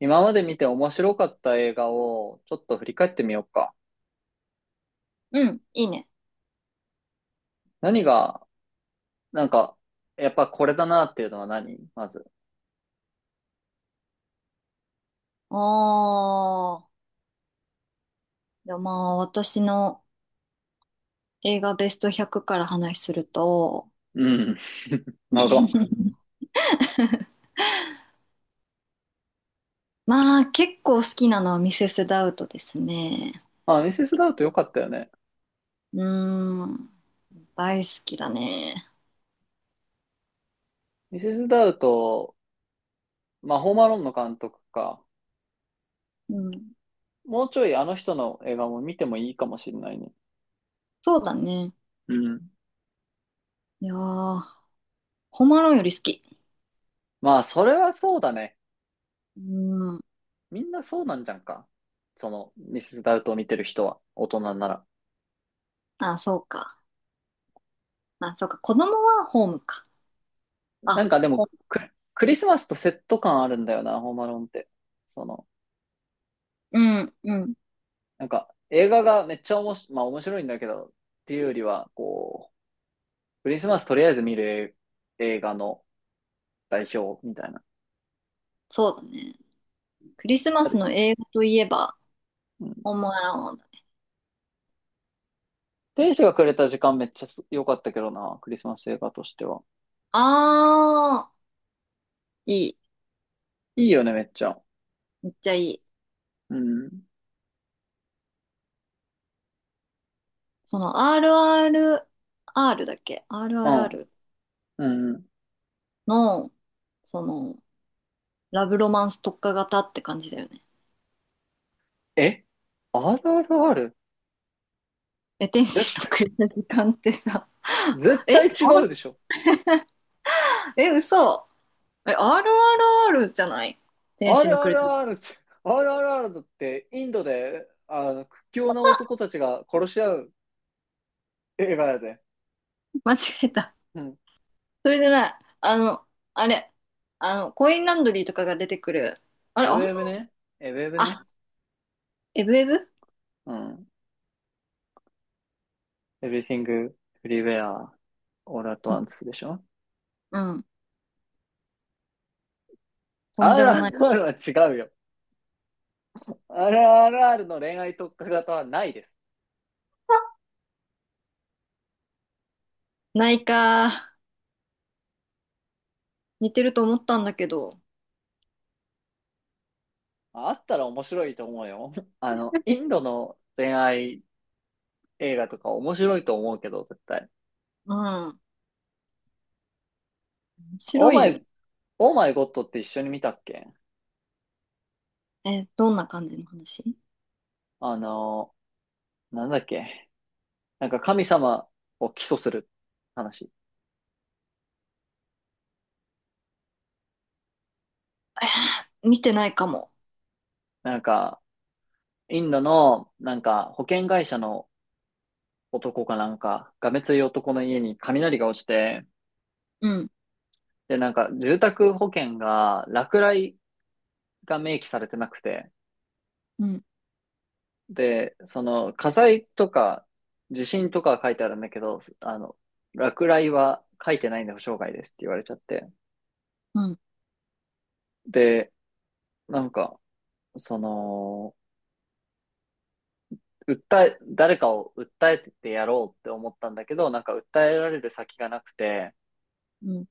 今まで見て面白かった映画をちょっと振り返ってみようか。うん、いいね。何が、なんか、やっぱこれだなっていうのは何まず。ああ、いやまあ私の映画ベスト100から話すると、うん。なるほど。まあ結構好きなのはミセス・ダウトですね。あ、ミセス・ダウト良かったよね。うーん、大好きだね。ミセス・ダウト、まあ、ホームアローンの監督か。うん、もうちょいあの人の映画も見てもいいかもしれないね。そうだね。うん。いやー、ホームアローンより好き。まあ、それはそうだね。うーん、みんなそうなんじゃんか。ミセス・ダウトを見てる人は、大人なら。あ、そうか。あ、そうか。子供はホームか。なんあ、かでも、ほ、ク、クリスマスとセット感あるんだよな、ホームアローンって。その、うん、うん、映画がめっちゃおもし、まあ面白いんだけど、っていうよりは、クリスマスとりあえず見る映画の代表みたいな。そうだね。クリスマあスるの映画といえば、うん。ホームアローンだね。天使がくれた時間めっちゃ良かったけどな、クリスマス映画としては。あー、いい。いいよね、めっちゃ。めっちゃいい。うん。その RRR だっけ？ うん。RRR うん。の、その、ラブロマンス特化型って感じだよね。え？ RRR？ え、天絶使の対、くれた時間ってさ、絶え、R- 対違うでしょ。え、嘘。え、RRR じゃない天使るのくれた。あるって、あるあだってインドで、屈強な男たちが殺し合う映画やで。間違えた。うん。それじゃない。あの、あれ、あの、コインランドリーとかが出てくる。あれ、エあブれエブね。エブエブね。あ、エブエブ。うん。Everything, Everywhere, All at うん。Once でしょ？ うん、とんでもない。RRR は違うよ。RRR の恋愛特化型はないです。ないか。似てると思ったんだけど。あったら面白いと思うよ。インドの恋愛映画とか面白いと思うけど、絶対。うん。オー白いマよね。イ、オーマイゴッドって一緒に見たっけ。え、どんな感じの話。あの、なんだっけ、なんか神様を起訴する話。見てないかも。なんか、インドの、なんか保険会社の男かなんか、がめつい男の家に雷が落ちて、うん、で、住宅保険が落雷が明記されてなくて、うん、で、火災とか地震とかは書いてあるんだけど、落雷は書いてないんで保証外ですって言われちゃって、うん、で、なんか、その、誰かを訴えてやろうって思ったんだけど、なんか訴えられる先がなくて、うん。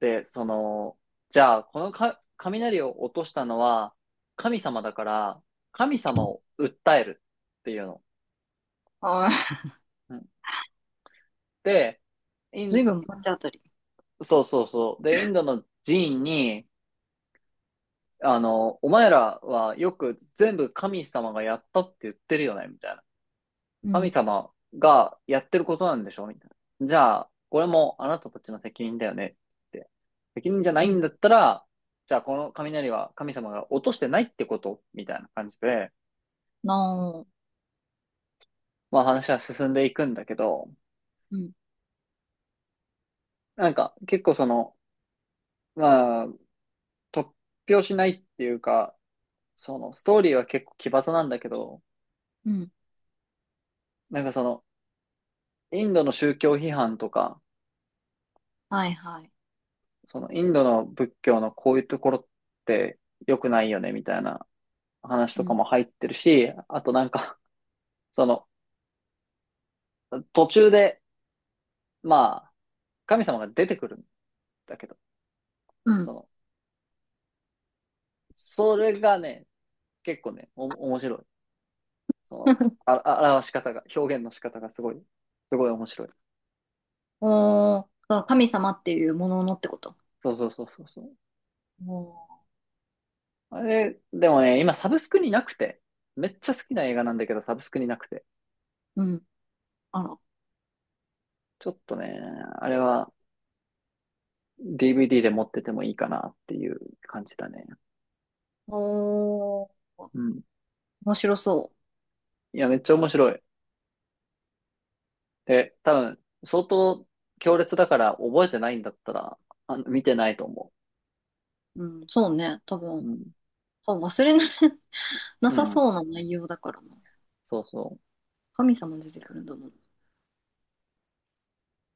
で、じゃあ、このか雷を落としたのは神様だから、神様を訴えるっていうの。はい。で、イずいン、ぶん罰当たり。そうそうそう。で、インドの寺院に、お前らはよく全部神様がやったって言ってるよね、みたいな。う神ん、様がやってることなんでしょみたいな。じゃあ、これもあなたたちの責任だよねって。責任じゃなういん、んだったら、じゃあこの雷は神様が落としてないってことみたいな感じで、なあ。まあ話は進んでいくんだけど、うん、結構まあ、突拍子ないっていうか、そのストーリーは結構奇抜なんだけど、うん。なんかその、インドの宗教批判とか、はい、はい。そのインドの仏教のこういうところって良くないよねみたいな話うとかん、も入ってるし、あとその途中で、まあ、神様が出てくるんだけど、うそん。の、それがね、結構ね、面白い。その、表し方が、表現の仕方がすごい、すごい面白い。おー、その神様っていうもののってこと。そうそうそうそうそう。おー、あれ、でもね、今サブスクになくて、めっちゃ好きな映画なんだけど、サブスクになくて。うん。あら。ちょっとね、あれは DVD で持っててもいいかなっていう感じだね。おー、うん。面白そいや、めっちゃ面白い。で、多分、相当強烈だから覚えてないんだったら、見てないと思う。うん、そうね。多う。う分、ん。多分忘れな、なうさん。そうな内容だからな。そうそう。神様出てくるんだもん。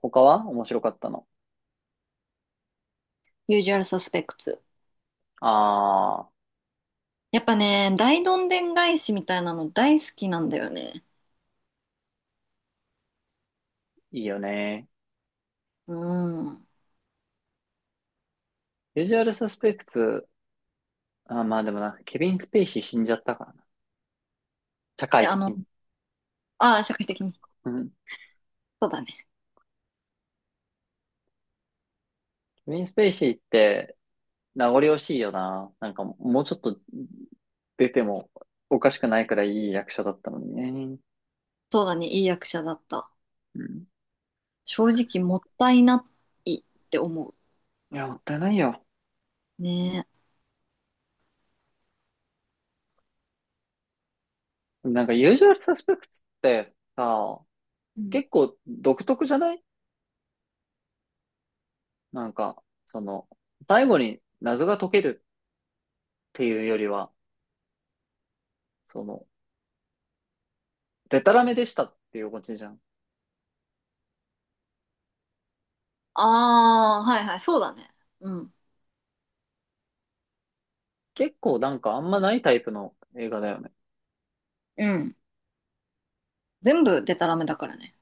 他は面白かったの。Usual suspects。ああ、やっぱね、大どんでん返しみたいなの大好きなんだよね。いいよね。うん。ビジュアルサスペクツ、あ、まあでもな、ケビン・スペイシー死んじゃったからな。社会え、あ的の、に。ああ、社会的に。うん。そうだね。ケビン・スペイシーって名残惜しいよな。なんかもうちょっと出てもおかしくないくらいいい役者だったのにね。そうだね。いい役者だった。うん。正直もったいないって思いや、もったいないよ。う。ね。なんかユージュアルサスペクツってさ、うん。結構独特じゃない？なんか、その、最後に謎が解けるっていうよりは、その、デタラメでしたっていうオチじゃん。ああ、はいはい。そうだね。うん。結構なんかあんまないタイプの映画だよね。うん。全部デタラメだからね。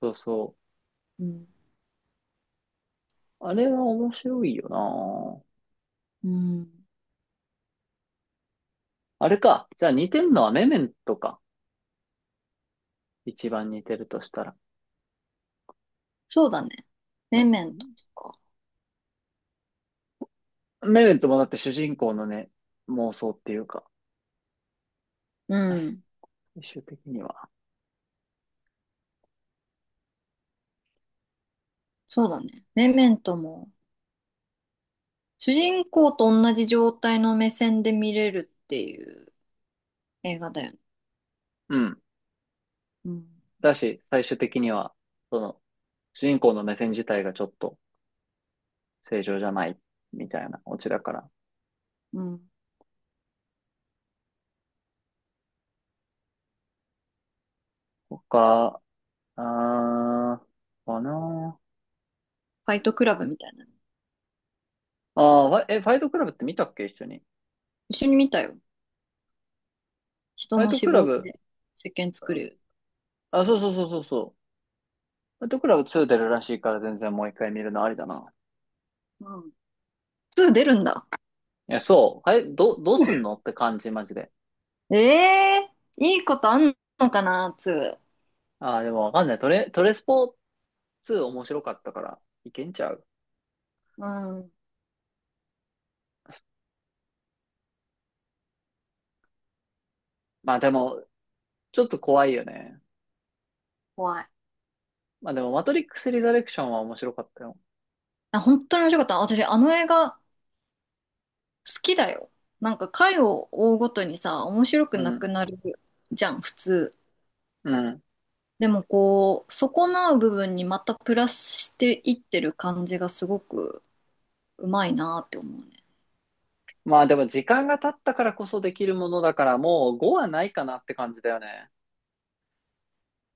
そうそう。うん。あれは面白いよな。うん。あれか。じゃあ似てんのはメメントか。一番似てるとしたら。そうだね。うん。メメントとか。メメントもだって主人公のね、妄想っていうか、うん。最終的には。そうだね。メメントも、主人公と同じ状態の目線で見れるっていう映画だよね。うん。うん、だし、最終的には、その、主人公の目線自体がちょっと正常じゃない、みたいなオチだから。うん。フ他、あかな。ァイトクラブみたいなの。ファイトクラブって見たっけ、一緒に。一緒に見たよ。フ人ァイの脂トクラ肪ブ、で石鹸作る。あ、そうそうそうそうそう。ファイトクラブ2出るらしいから全然もう一回見るのありだな。うん。2出るんだ。いや、そう。あれ、どうすんのって感じ、マジで。ええー、いいことあんのかな、2。ああ、でもわかんない。トレスポ2面白かったから、いけんちゃう。うん、まあでも、ちょっと怖いよね。怖い。まあでも、マトリックスリザレクションは面白かったよ。あ、本当に面白かった。私、あの映画好きだよ。なんか回を追うごとにさ、面白くうなくん。なるじゃん、普通。うん。でもこう、損なう部分にまたプラスしていってる感じがすごくうまいなって思うね。まあでも、時間が経ったからこそできるものだから、もう5はないかなって感じだよね。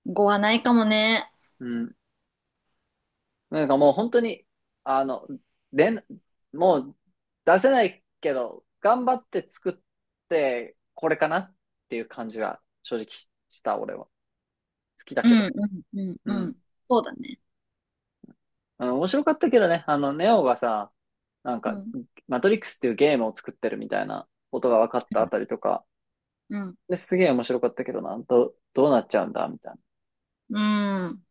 語はないかもね。うん。なんかもう本当に、あの、でん、もう出せないけど、頑張って作って、これかなっていう感じが正直した、俺は。好きだうけん、ど。うん、うん、ううん。ん。そうだね。面白かったけどね、ネオがさ、なんうか、ん。マトリックスっていうゲームを作ってるみたいなことが分かったあたりとか、うん。ですげえ面白かったけどな、どうなっちゃうんだ、みたいうん。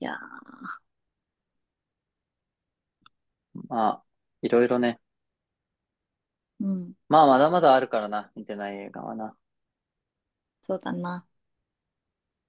いやー、な。まあ、いろいろね。うん。まあ、まだまだあるからな、見てない映画はな。そうだな。